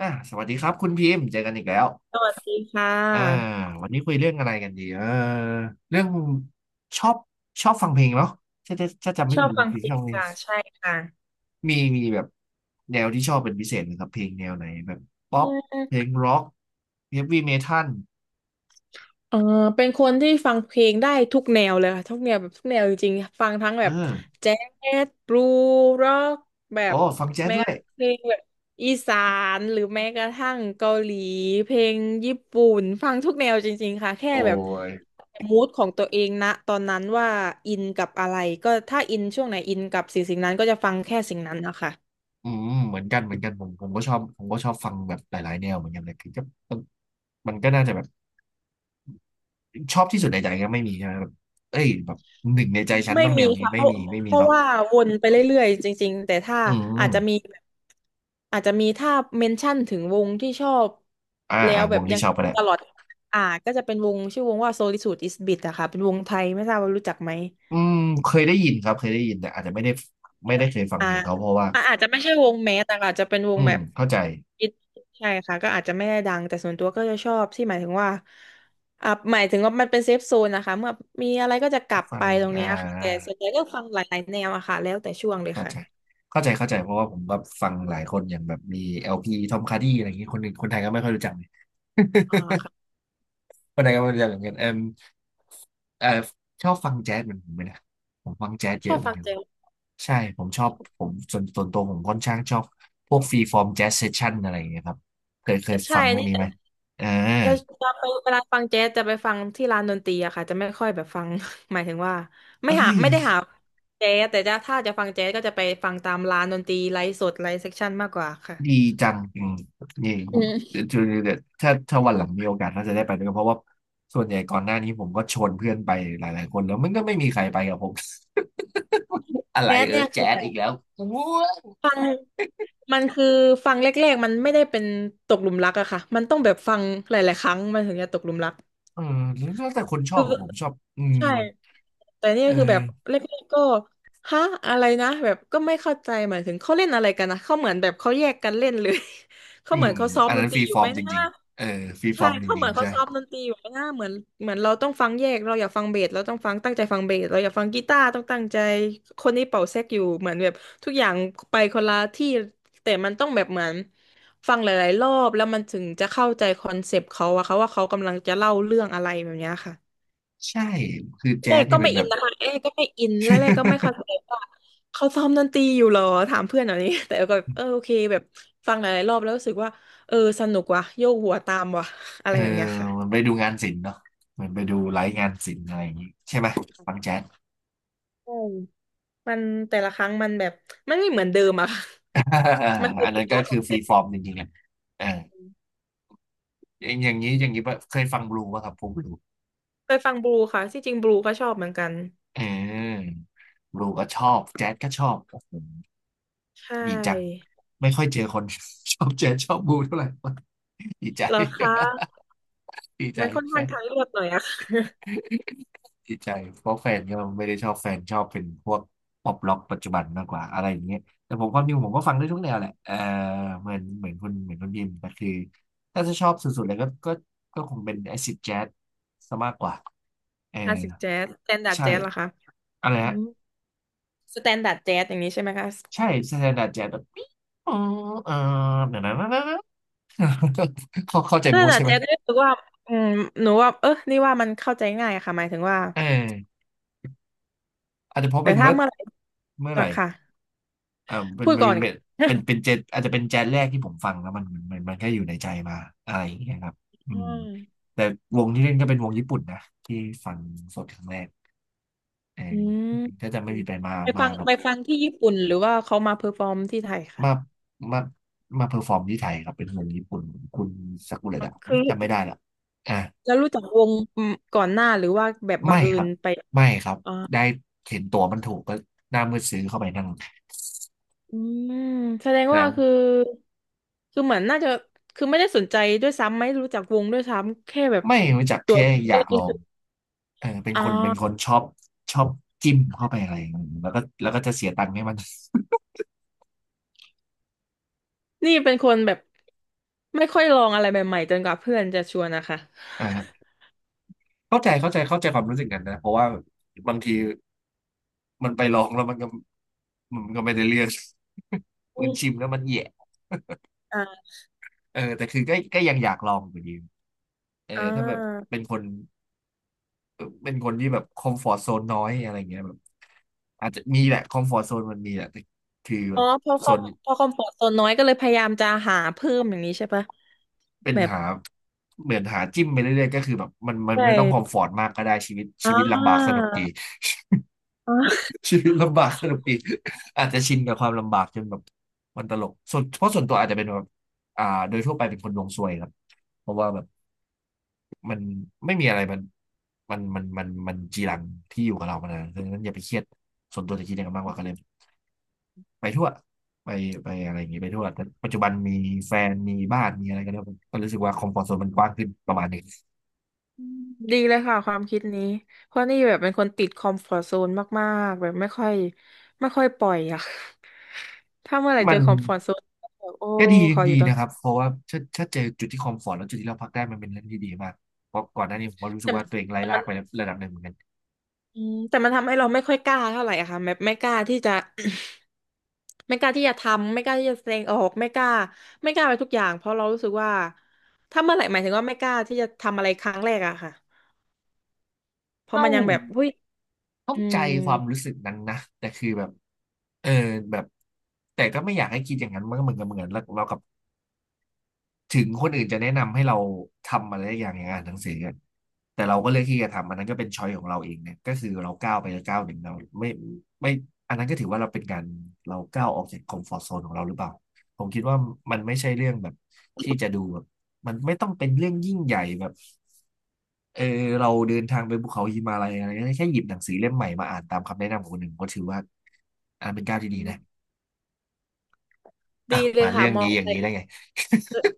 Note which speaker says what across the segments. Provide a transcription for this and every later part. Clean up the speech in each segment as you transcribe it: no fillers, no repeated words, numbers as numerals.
Speaker 1: สวัสดีครับคุณพิมพ์เจอกันอีกแล้ว
Speaker 2: สวัสดีค่
Speaker 1: อ่า
Speaker 2: ะ
Speaker 1: วันนี้คุยเรื่องอะไรกันดีเรื่องชอบชอบฟังเพลงเนาะถ้าจำไม่
Speaker 2: ชอ
Speaker 1: ผิด
Speaker 2: บ
Speaker 1: คุณ
Speaker 2: ฟัง
Speaker 1: พิ
Speaker 2: เพ
Speaker 1: มพ์
Speaker 2: ล
Speaker 1: ชอ
Speaker 2: ง
Speaker 1: บเพลง
Speaker 2: ค่ะใช่ค่ะ
Speaker 1: มีแบบแนวที่ชอบเป็นพิเศษไหมครับเพลงแนวไหนแบบป๊อป
Speaker 2: เอื
Speaker 1: เพลงร็อกเฮฟวี่เมทัล
Speaker 2: เออเป็นคนที่ฟังเพลงได้ทุกแนวเลยค่ะทุกแนวแบบทุกแนวจริงๆฟังทั้งแบ
Speaker 1: เออ
Speaker 2: บแจ๊สบลูร็อกแบ
Speaker 1: โอ้
Speaker 2: บ
Speaker 1: ฟังแจ๊ส
Speaker 2: แม้
Speaker 1: ด้
Speaker 2: ก
Speaker 1: ว
Speaker 2: ระ
Speaker 1: ย
Speaker 2: ทั่งเพลงแบบอีสานหรือแม้กระทั่งเกาหลีเพลงญี่ปุ่นฟังทุกแนวจริงๆค่ะแค่
Speaker 1: โอ้
Speaker 2: แบบ
Speaker 1: ย
Speaker 2: มูดของตัวเองนะตอนนั้นว่าอินกับอะไรก็ถ้าอินช่วงไหนอินกับสิ่งนั้นก็จะฟังแค่สิ่งนั้นนะคะ
Speaker 1: อืมเหมือนกันผมก็ชอบผมก็ชอบฟังแบบหลายๆแนวเหมือนกันเลยคือก็มันมันก็น่าจะแบบชอบที่สุดในใจก็ไม่มีใช่ไหมแบบเอ้ยแบบหนึ่งในใจฉัน
Speaker 2: ไม่
Speaker 1: ต้องแน
Speaker 2: มี
Speaker 1: วนี้
Speaker 2: ค่ะ
Speaker 1: ไม่
Speaker 2: เพราะ
Speaker 1: มี
Speaker 2: เพราะ
Speaker 1: เนาะ
Speaker 2: ว่าวนไปเรื่อยๆจริงๆแต่ถ้า
Speaker 1: อื
Speaker 2: อาจ
Speaker 1: ม
Speaker 2: จะมีแบบอาจจะมีถ้าเมนชั่นถึงวงที่ชอบแล้
Speaker 1: อ่า
Speaker 2: วแบ
Speaker 1: ว
Speaker 2: บ
Speaker 1: งที่
Speaker 2: ยัง
Speaker 1: ชอบก็ได้
Speaker 2: ตลอดอ่าก็จะเป็นวงชื่อวงว่า Solitude is Bit อะค่ะเป็นวงไทยไม่ทราบว่ารู้จักไหม
Speaker 1: อืมเคยได้ยินครับเคยได้ยินแต่อาจจะไม่ได้เคยฟัง
Speaker 2: อ่า
Speaker 1: เพลงเขาเพราะว่า
Speaker 2: อาจจะไม่ใช่วงแมสแต่อาจจะเป็นว
Speaker 1: อื
Speaker 2: ง
Speaker 1: ม
Speaker 2: แบบ
Speaker 1: เข้าใจ
Speaker 2: อินใช่ค่ะก็อาจจะไม่ได้ดังแต่ส่วนตัวก็จะชอบที่หมายถึงว่าหมายถึงว่ามันเป็นเซฟโซนนะคะเมื่อมีอะไรก็จะกลับ
Speaker 1: ฟั
Speaker 2: ไป
Speaker 1: ง
Speaker 2: ตรง
Speaker 1: อ่
Speaker 2: เนี้ยค่ะแต่
Speaker 1: า
Speaker 2: ส่วนใหญ่ก็ฟังหลายๆแนวอะค่ะแล้วแต่ช่วงเลย
Speaker 1: เข้า
Speaker 2: ค่ะ
Speaker 1: ใจเข้าใจเพราะว่าผมแบบฟังหลายคนอย่างแบบมีเอลพีทอมคาร์ดี้อะไรอย่างงี้คนอื่นคนไทยก็ไม่ค่อยรู้จักเลย
Speaker 2: อ่าค่ะ
Speaker 1: คนไทยก็ไม่รู้จักเหมือนกันเอมเออชอบฟังแจ๊สเหมือนผมไหมนะผมฟังแจ๊สเย
Speaker 2: ชอ
Speaker 1: อะ
Speaker 2: บ
Speaker 1: เหมือ
Speaker 2: ฟั
Speaker 1: น
Speaker 2: ง
Speaker 1: กัน
Speaker 2: แจ๊ส
Speaker 1: ใช่ ผมชอ
Speaker 2: ช
Speaker 1: บ
Speaker 2: อบ
Speaker 1: ผมส่วนตัวผมค่อนข้างชอบพวกฟรีฟอร์มแจ๊สเซสชั่นอะไรอย่างเงี้ยครับเคย
Speaker 2: ใช่
Speaker 1: ฟังพวก
Speaker 2: นี่
Speaker 1: นี้ไหม
Speaker 2: จะ
Speaker 1: เออ
Speaker 2: จะจะไปเวลาฟังแจ๊สจะไปฟังที่ร้านดนตรีอะค่ะจะไม่ค่อยแบบฟัง หมายถึงว่าไม่
Speaker 1: เอ้
Speaker 2: หา
Speaker 1: ย
Speaker 2: ไม่ได้หาแจ๊สแต่จะถ้าจะฟังแจ๊สก็จะไปฟังตามร้านดนตรีไลฟ์สดไลฟ์เซ็กชันมากกว่าค่ะ
Speaker 1: ดีจังอืมนี่ผ
Speaker 2: อื
Speaker 1: ม
Speaker 2: ม
Speaker 1: จะจะจะถ้าวันหลังมีโอกาสน่าจะได้ไปด้วยกันเพราะว่าส่วนใหญ่ก่อนหน้านี้ผมก็ชวนเพื่อนไปหลายๆคนแล้วมันก็ไม่มีใครไปกับผม อะไร
Speaker 2: แจ๊ส
Speaker 1: เออ
Speaker 2: เนี่ย
Speaker 1: แจ๊
Speaker 2: คือ
Speaker 1: ส
Speaker 2: แบ
Speaker 1: อี
Speaker 2: บ
Speaker 1: กแล้วอู้
Speaker 2: มันคือฟังแรกๆมันไม่ได้เป็นตกหลุมรักอะค่ะมันต้องแบบฟังหลายๆครั้งมันถึงจะตกหลุมรัก
Speaker 1: เออแล้วแต่คนชอ
Speaker 2: คื
Speaker 1: บ
Speaker 2: อ
Speaker 1: ของผมชอบอืม
Speaker 2: ใช่ แต่เนี่ย
Speaker 1: เอ
Speaker 2: คือแบบ
Speaker 1: อ
Speaker 2: แรกๆก็ฮะอะไรนะแบบก็ไม่เข้าใจหมายถึงเขาเล่นอะไรกันนะเขาเหมือนแบบเขาแยกกันเล่นเลย เขา
Speaker 1: อื
Speaker 2: เหมือ
Speaker 1: ม
Speaker 2: นเขาซ้อม
Speaker 1: อัน
Speaker 2: ด
Speaker 1: นั้
Speaker 2: น
Speaker 1: น
Speaker 2: ต
Speaker 1: ฟ
Speaker 2: รี
Speaker 1: รี
Speaker 2: อยู่
Speaker 1: ฟอ
Speaker 2: ไห
Speaker 1: ร์
Speaker 2: ม
Speaker 1: มจ
Speaker 2: นะ
Speaker 1: ริงๆเออฟรีฟ
Speaker 2: ใช่
Speaker 1: อร์มจ
Speaker 2: เขาเห
Speaker 1: ริ
Speaker 2: มื
Speaker 1: ง
Speaker 2: อน
Speaker 1: ๆ
Speaker 2: เขา
Speaker 1: ใช่
Speaker 2: ซ้อมดนตรีอยู่ไหมนะเหมือนเหมือนเราต้องฟังแยกเราอยากฟังเบสเราต้องฟังตั้งใจฟังเบสเราอยากฟังกีตาร์ต้องตั้งใจคนนี้เป่าแซกอยู่เหมือนแบบทุกอย่างไปคนละที่แต่มันต้องแบบเหมือนฟังหลายๆรอบแล้วมันถึงจะเข้าใจคอนเซปต์เขาอะค่ะว่าเขากำลังจะเล่าเรื่องอะไรแบบเนี้ยค่ะ
Speaker 1: ใช่คือแจ๊
Speaker 2: เอ้
Speaker 1: สเนี่
Speaker 2: ก็
Speaker 1: ยเป็
Speaker 2: ไม่
Speaker 1: นแบ
Speaker 2: อิน
Speaker 1: บ
Speaker 2: นะคะเอ้ก็ไม่อินแล้วเอก็ไม่เข้าใจว่าเขาซ้อมดนตรีอยู่เหรอถามเพื่อนแบบนี้ แต่ก็แบบโอเคแบบฟังหลายๆรอบแล้วรู้สึกว่าเออสนุกว่ะโยกหัวตามว่ะ อะ
Speaker 1: เอ
Speaker 2: ไร
Speaker 1: อ
Speaker 2: แบบเนี้ยค่ะ
Speaker 1: มันไปดูงานศิลป์เนาะมันไปดูไลฟ์งานศิลป์อะไรอย่างงี้ใช่ไหมฟังแจ๊ส
Speaker 2: อืมมันแต่ละครั้งมันแบบมันไม่เหมือนเดิมอะ ค่ะ มัน คื
Speaker 1: อั
Speaker 2: อ
Speaker 1: น
Speaker 2: เอ
Speaker 1: นั้น
Speaker 2: ก
Speaker 1: ก็
Speaker 2: ลักษณ์ข
Speaker 1: คื
Speaker 2: อ
Speaker 1: อ
Speaker 2: ง
Speaker 1: ฟ
Speaker 2: เจ
Speaker 1: รีฟอ
Speaker 2: น
Speaker 1: ร์มจริงๆอ่ะเอออย่างนี้อย่างนี้ปะเคยฟังบลูป่ะครับพวกบลู
Speaker 2: เคยฟังบลูค่ะที่จริงบลูก็ชอบเหมือนกัน
Speaker 1: เออบลูก็ชอบแจ๊สก็ชอบโอ้โห
Speaker 2: ใช
Speaker 1: ดีจัง
Speaker 2: ่
Speaker 1: ไม่ค่อยเจอคน ชอบแจ๊สชอบบลูเท่าไหร่ ดีใจ
Speaker 2: เหรอคะ
Speaker 1: ดีใจ
Speaker 2: มันค่อน
Speaker 1: ไป
Speaker 2: ข้างทางเลือกหน่อยอะ
Speaker 1: ที่ใจเพราะแฟนก็ไม่ได้ชอบแฟนชอบเป็นพวกป๊อปร็อกปัจจุบันมากกว่าอะไรอย่างเงี้ยแต่ผมความจริงผมก็ฟังได้ทุกแนวแหละเออเหมือนคุณเหมือนคนพิมพ์แต่คือถ้าจะชอบสุดๆเลยก็ก็คงเป็นแอซิดแจ๊สซะมากกว่าเออ
Speaker 2: ค่ะคลาสสิกแจ๊สสแตนดาร์ด
Speaker 1: ใช่
Speaker 2: แจ๊สเหรอคะ
Speaker 1: อะไร
Speaker 2: อื
Speaker 1: ฮะ
Speaker 2: มสแตนดาร์ดแจ๊สอย่างนี้ใช่ไหมคะ
Speaker 1: ใช่สแตนดาร์ดแจ๊สแบบปิ๊งออเออเดี๋ยวนะ นะนะนะ เข้าใจ
Speaker 2: นั่
Speaker 1: มู
Speaker 2: น
Speaker 1: ด
Speaker 2: แหละ
Speaker 1: ใช่ไหม
Speaker 2: เจ๊ก็รู้สึกว่าอืมหนูว่าเออนี่ว่ามันเข้าใจง่ายค่ะหมายถึงว่า
Speaker 1: เอออาจจะเพราะ
Speaker 2: แต่
Speaker 1: เป็น
Speaker 2: ถ้า
Speaker 1: ว่า
Speaker 2: เมื่อไหร่
Speaker 1: เมื่อไห
Speaker 2: อะ
Speaker 1: ร่
Speaker 2: ค่ะ
Speaker 1: เออ
Speaker 2: พูดก่อน
Speaker 1: เป็นแจ๊สอาจจะเป็นแจ๊สแรกที่ผมฟังแล้วมันก็อยู่ในใจมาอะไรอย่างเงี้ยครับอื
Speaker 2: อื
Speaker 1: ม
Speaker 2: ม
Speaker 1: แต่วงที่เล่นก็เป็นวงญี่ปุ่นนะที่ฟังสดครั้งแรกเออ
Speaker 2: อืม
Speaker 1: ก็จะไม่มีไปมา
Speaker 2: ไป
Speaker 1: มา
Speaker 2: ฟัง
Speaker 1: กับ
Speaker 2: ไปฟังที่ญี่ปุ่นหรือว่าเขามาเพอร์ฟอร์มที่ไทยค่ะ
Speaker 1: มามามาเพอร์ฟอร์มที่ไทยครับเป็นวงญี่ปุ่นคุณซากุระดะ
Speaker 2: คือ
Speaker 1: จำไม่ได้ละอ่ะ
Speaker 2: แล้วรู้จักวงอืมก่อนหน้าหรือว่าแบบบัง
Speaker 1: ไม่
Speaker 2: เอิ
Speaker 1: ครั
Speaker 2: ญ
Speaker 1: บ
Speaker 2: ไป
Speaker 1: ไม่ครับ
Speaker 2: อ่า
Speaker 1: ได้เห็นตัวมันถูกก็หน้ามืดซื้อเข้าไปนั่ง
Speaker 2: อืมแสดงว่าคือ
Speaker 1: นะ
Speaker 2: คือเหมือนน่าจะคือไม่ได้สนใจด้วยซ้ำไม่รู้จักวงด้วยซ้ำแค่แบบ
Speaker 1: ไม่รู้จัก
Speaker 2: ตัว
Speaker 1: แค่อ
Speaker 2: ก็
Speaker 1: ยาก
Speaker 2: เล
Speaker 1: ล
Speaker 2: ย
Speaker 1: อง เออเป็น
Speaker 2: อ่
Speaker 1: คน
Speaker 2: า
Speaker 1: ชอบชอบจิ้มเข้าไปอะไรอย่างนั้นแล้วก็แล้วก็จะเสียตังค์ให้มัน
Speaker 2: นี่เป็นคนแบบไม่ค่อยลองอะไรใหม่ๆจนกว่าเพื่อนจะชวนนะคะ
Speaker 1: อ่าเข้าใจเข้าใจความรู้สึกกันนะเพราะว่าบางทีมันไปลองแล้วมันก็ไม่ได้เรื่อง
Speaker 2: อื
Speaker 1: มันชิ
Speaker 2: ม
Speaker 1: มแล้วมันแย่
Speaker 2: อ่า
Speaker 1: เออแต่คือก็ยังอยากลองอยู่ดีเออ
Speaker 2: อ่
Speaker 1: ถ้าแบบ
Speaker 2: า
Speaker 1: เป็นคนเออเป็นคนที่แบบคอมฟอร์ z โซนน้อยอะไรเงี้ยแบบอาจจะมีแหละคอมฟอร์ z โซนมันมีแหละแต่คือแบ
Speaker 2: อ๋อ
Speaker 1: บ
Speaker 2: พอค
Speaker 1: โซ
Speaker 2: อม
Speaker 1: น
Speaker 2: พอความปลอดโซนน้อยก็เลยพยายามจะหาเพิ่มอย่างนี้ใช่ปะ
Speaker 1: เป็น
Speaker 2: แบบ
Speaker 1: หาเหมือนหาจิ้มไปเรื่อยๆก็คือแบบมัน
Speaker 2: ใช
Speaker 1: ไม่ต้องคอม
Speaker 2: ่
Speaker 1: ฟอร์ตมากก็ได้ชีวิต
Speaker 2: อ่
Speaker 1: ชีวิตลำบากส
Speaker 2: า
Speaker 1: นุกดี
Speaker 2: อ่า
Speaker 1: ชีวิตลำบากสนุกดีอาจจะชินกับความลำบากจนแบบมันตลกส่วนเพราะส่วนตัวอาจจะเป็นแบบอ่าโดยทั่วไปเป็นคนดวงซวยครับเพราะว่าแบบมันไม่มีอะไรมันจีรังที่อยู่กับเรามานานดังนั้นอย่าไปเครียดส่วนตัวจะคิดอย่างนั้นมากกว่าก็เลยไปทั่วไปไปอะไรอย่างงี้ไปทั่วแต่ปัจจุบันมีแฟนมีบ้านมีอะไรกันแล้วก็รู้สึกว่าคอมฟอร์ตโซนมันกว้างขึ้นประมาณหนึง
Speaker 2: อืมดีเลยค่ะความคิดนี้เพราะนี่แบบเป็นคนติดคอมฟอร์ตโซนมากๆแบบไม่ค่อยไม่ค่อยปล่อยอะ ถ้าเมื่อไหร่
Speaker 1: มั
Speaker 2: เจอ
Speaker 1: น
Speaker 2: คอมฟอร์ตโซนแบบโอ้
Speaker 1: ก็ดี
Speaker 2: ขออ
Speaker 1: ดี
Speaker 2: ยู่ตรง
Speaker 1: นะครับเพราะว่าถ้าเจอจุดที่คอมฟอร์ตแล้วจุดที่เราพักได้มันเป็นเรื่องที่ดีมากเพราะก่อนหน้านี้ผมก็รู้สึ
Speaker 2: แต่
Speaker 1: กว่าตัวเองไร้
Speaker 2: แต่
Speaker 1: ลา
Speaker 2: มั
Speaker 1: ก
Speaker 2: น
Speaker 1: ไประดับหนึ่งเหมือนกัน
Speaker 2: อืมแต่มันทำให้เราไม่ค่อยกล้าเท่าไหร่อะค่ะแบบไม่กล้าที่จะ ไม่กล้าที่จะทำไม่กล้าที่จะแสดงออกไม่กล้าไม่กล้าไปทุกอย่างเพราะเรารู้สึกว่าถ้าเมื่อไหร่หมายถึงว่าไม่กล้าที่จะทำอะไรครั้งแรกอะค่ะเพราะ
Speaker 1: เข้า
Speaker 2: มันยังแบบหุ้ย
Speaker 1: เข้า
Speaker 2: อื
Speaker 1: ใจ
Speaker 2: ม
Speaker 1: ความรู้สึกนั้นนะแต่คือแบบเออแบบแต่ก็ไม่อยากให้คิดอย่างนั้นมันก็เหมือนกับเหมือนเรากลับ ถึงคนอื่นจะแนะนำให้เราทำอะไรอย่างอ่านหนังสือกันแต่เราก็เลือกที่จะทำอันนั้นก็เป็นช้อยของเราเองเนี่ยก็คือเราก้าวไปก้าวหนึ่งเราไม่ไม่อันนั้นก็ถือว่าเราเป็นการเราก้าวออกจากคอมฟอร์ z โซนของเราหรือเปล่าผมคิดว่ามันไม่ใช่เรื่องแบบที่จะดูแบบมันไม่ต้องเป็นเรื่องยิ่งใหญ่แบบเออเราเดินทางไปภูเขาหิมาลัยอะไรเงี้ยแค่หยิบหนังสือเล่มใหม่มาอ่านตามคำแนะนำของคนหนึ่งก็ถือว่าอันเป็นก้าวที่ดีนะอ่ะ
Speaker 2: ดีเลย
Speaker 1: มาเรื่
Speaker 2: ค่ะ
Speaker 1: อง
Speaker 2: มอ
Speaker 1: นี้
Speaker 2: ง
Speaker 1: อ
Speaker 2: อะ
Speaker 1: ย่าง
Speaker 2: ไร
Speaker 1: นี้ได้ไง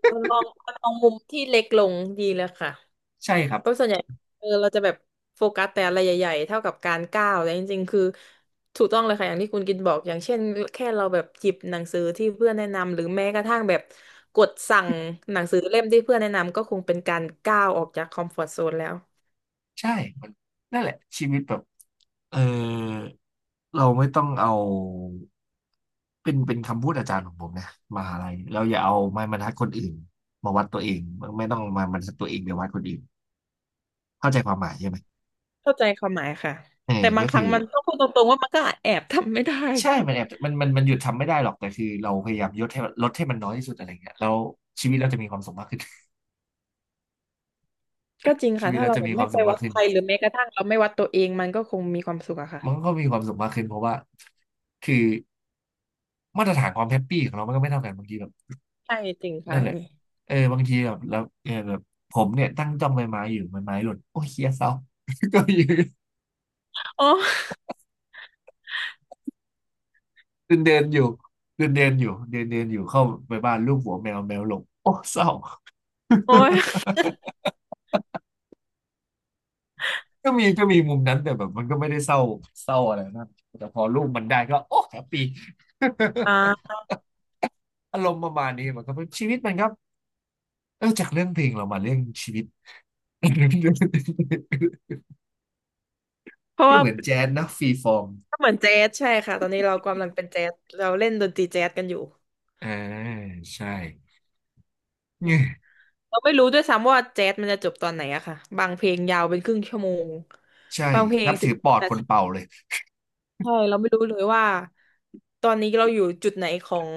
Speaker 2: มันมองมันมองมุมที่เล็กลงดีเลยค่ะ
Speaker 1: ใช่ครับ
Speaker 2: เพราะส่วนใหญ่เออเราจะแบบโฟกัสแต่อะไรใหญ่ๆเท่ากับการก้าวแต่จริงๆคือถูกต้องเลยค่ะอย่างที่คุณกินบอกอย่างเช่นแค่เราแบบหยิบหนังสือที่เพื่อนแนะนำหรือแม้กระทั่งแบบกดสั่งหนังสือเล่มที่เพื่อนแนะนำก็คงเป็นการก้าวออกจากคอมฟอร์ z โซนแล้ว
Speaker 1: ใช่มันนั่นแหละชีวิตแบบเออเราไม่ต้องเอาเป็นคำพูดอาจารย์ของผมนะมหาลัยเราอย่าเอาไม้บรรทัดคนอื่นมาวัดตัวเองไม่ต้องมาบรรทัดตัวเองไปวัดคนอื่นเข้าใจความหมายใช่ไหม
Speaker 2: เข้าใจความหมายค่ะ
Speaker 1: เออ
Speaker 2: แต่บา
Speaker 1: ก็
Speaker 2: งค
Speaker 1: คื
Speaker 2: รั้
Speaker 1: อ
Speaker 2: งมันต้องพูดตรงๆว่ามันก็แอบทำไม่ได้
Speaker 1: ใช่มันแอบมันหยุดทำไม่ได้หรอกแต่คือเราพยายามลดให้มันน้อยที่สุดอะไรเงี้ยแล้วชีวิตเราจะมีความสุขมากขึ้น
Speaker 2: ก็จริง
Speaker 1: ชี
Speaker 2: ค่ะ
Speaker 1: วิต
Speaker 2: ถ้า
Speaker 1: เรา
Speaker 2: เรา
Speaker 1: จะ
Speaker 2: แบ
Speaker 1: มี
Speaker 2: บ
Speaker 1: ค
Speaker 2: ไม่
Speaker 1: วาม
Speaker 2: ไป
Speaker 1: สุขมา
Speaker 2: วั
Speaker 1: ก
Speaker 2: ด
Speaker 1: ขึ้
Speaker 2: ใค
Speaker 1: น
Speaker 2: รหรือแม้กระทั่งเราไม่วัดตัวเองมันก็คงมีความสุขอะค่ะ
Speaker 1: มันก็มีความสุขมากขึ้นเพราะว่าคือมาตรฐานความแฮปปี้ของเรามันก็ไม่เท่ากันบางทีแบบ
Speaker 2: ใช่จริงค่ะ
Speaker 1: นั่น
Speaker 2: อั
Speaker 1: แห
Speaker 2: น
Speaker 1: ละ
Speaker 2: นี่
Speaker 1: บางทีแบบแล้วเออแบบผมเนี่ยตั้งจ้องใบไม้อยู่ใบไม้หล่นโอ้ยเฮียเศร้า ก็ยืน
Speaker 2: อ๋อ
Speaker 1: เดินเดินอยู่เดินเดินอยู่เดินเดินอยู่ เข้าไปบ้านลูกหัวแมวแมวหลงโอ้เศร้า
Speaker 2: โอ้ย
Speaker 1: ก็มีก็มีมุมนั้นแต่แบบมันก็ไม่ได้เศร้าอะไรนะแต่พอลูกมันได้ก็โอ้แฮปปี้
Speaker 2: อ่า
Speaker 1: อารมณ์ประมาณนี้มันก็เป็นชีวิตมันครับเออจากเรื่องเพลงเรามาเรื่องชีวิต
Speaker 2: เพราะ
Speaker 1: ก็
Speaker 2: ว่า
Speaker 1: เหมือนแจ๊สนะฟรีฟอร์ม
Speaker 2: ก็เหมือนแจ๊สใช่ค่ะตอนนี้เรากำลังเป็นแจ๊สเราเล่นดนตรีแจ๊สกันอยู่
Speaker 1: อ่าใช่
Speaker 2: อืมเราไม่รู้ด้วยซ้ำว่าแจ๊สมันจะจบตอนไหนอะค่ะบางเพลงยาวเป็นครึ่งชั่วโมง
Speaker 1: ใช่
Speaker 2: บางเพลง
Speaker 1: นับ
Speaker 2: สิบ
Speaker 1: ถือป
Speaker 2: ห้า
Speaker 1: อด
Speaker 2: นา
Speaker 1: คน
Speaker 2: ที
Speaker 1: เป่าเลย
Speaker 2: ใช่เราไม่รู้เลยว่าตอนนี้เราอยู่จุดไหนของ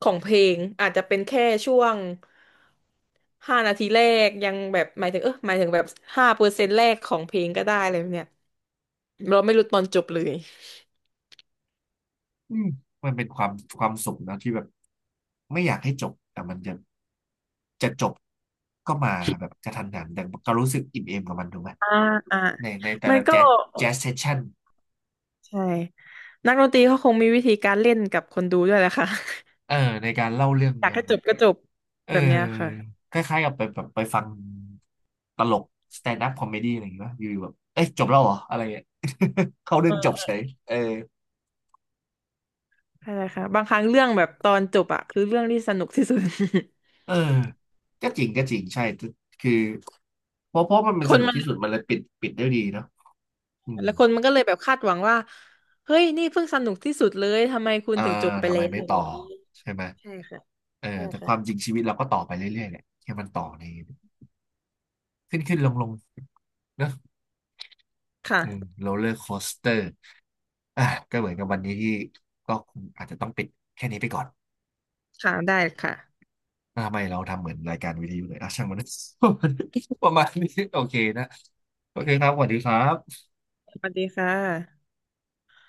Speaker 2: ของเพลงอาจจะเป็นแค่ช่วงห้านาทีแรกยังแบบหมายถึงเออหมายถึงแบบ5%แรกของเพลงก็ได้เลยเนี่ยเราไม่รู้ตอนจบเลย
Speaker 1: อืมมันเป็นความความสุขนะที่แบบไม่อยากให้จบแต่มันจะจะจบก็มาแบบกระทันหันแต่ก็รู้สึกอิ่มเอมกับมันถูกไหม
Speaker 2: อ่าอ่า
Speaker 1: ในในแต่
Speaker 2: มัน
Speaker 1: ละ
Speaker 2: ก็
Speaker 1: แจ๊สแจ๊สเซสชั่น
Speaker 2: ใช่นักดนตรีเขาคงมีวิธีการเล่นกับคนดูด้วยแหละค่ะ
Speaker 1: เออในการเล่าเรื่อง
Speaker 2: อยาก
Speaker 1: กัน
Speaker 2: ให้จ
Speaker 1: นะ
Speaker 2: บก็จบ
Speaker 1: เออ
Speaker 2: แบบเนี้ยค่ะ
Speaker 1: คล้ายๆกับไปแบบไปฟังตลกสแตนด์อัพคอมเมดี้อะไรอย่างเงี้ยป่ะอยู่ๆแบบเอ้ยจบแล้วเหรออะไรเงี้ย เข้าเรื่องจบเฉยเออ
Speaker 2: ใช่ค่ะบางครั้งเรื่องแบบตอนจบอะคือเรื่องที่สนุกที่สุด
Speaker 1: เออก็จริงก็จริงใช่ทุกคือเพราะมันเป็น
Speaker 2: ค
Speaker 1: ส
Speaker 2: น
Speaker 1: นุก
Speaker 2: มัน
Speaker 1: ที่สุดมันเลยปิดได้ดีเนาะอืม
Speaker 2: แล้วคนมันก็เลยแบบคาดหวังว่าเฮ้ยนี่เพิ่งสนุกที่สุดเลยทำไมคุณ
Speaker 1: อ่า
Speaker 2: ถึงจบไป
Speaker 1: ทำไม
Speaker 2: แล้
Speaker 1: ไม่
Speaker 2: วอ
Speaker 1: ต่อ
Speaker 2: ย่างนี้
Speaker 1: ใช่ไหม
Speaker 2: ใช่ค่ะ
Speaker 1: เออ
Speaker 2: ใช่
Speaker 1: แต่ค
Speaker 2: ค่ะ
Speaker 1: วามจริงชีวิตเราก็ต่อไปเรื่อยๆแหละแค่มันต่อในขึ้นลงๆเนอะ
Speaker 2: ค่ะ
Speaker 1: อืมโรลเลอร์โคสเตอร์อ่ะก็เหมือนกับวันนี้ที่ก็คงอาจจะต้องปิดแค่นี้ไปก่อน
Speaker 2: ค่ะได้ค่ะ
Speaker 1: อ่ะทำไมเราทำเหมือนรายการวิทยุเลยอ่ะช่างมัน ประมาณนี้โอเคนะโอเคครับสวัสดีครับ
Speaker 2: สวัสดีค่ะ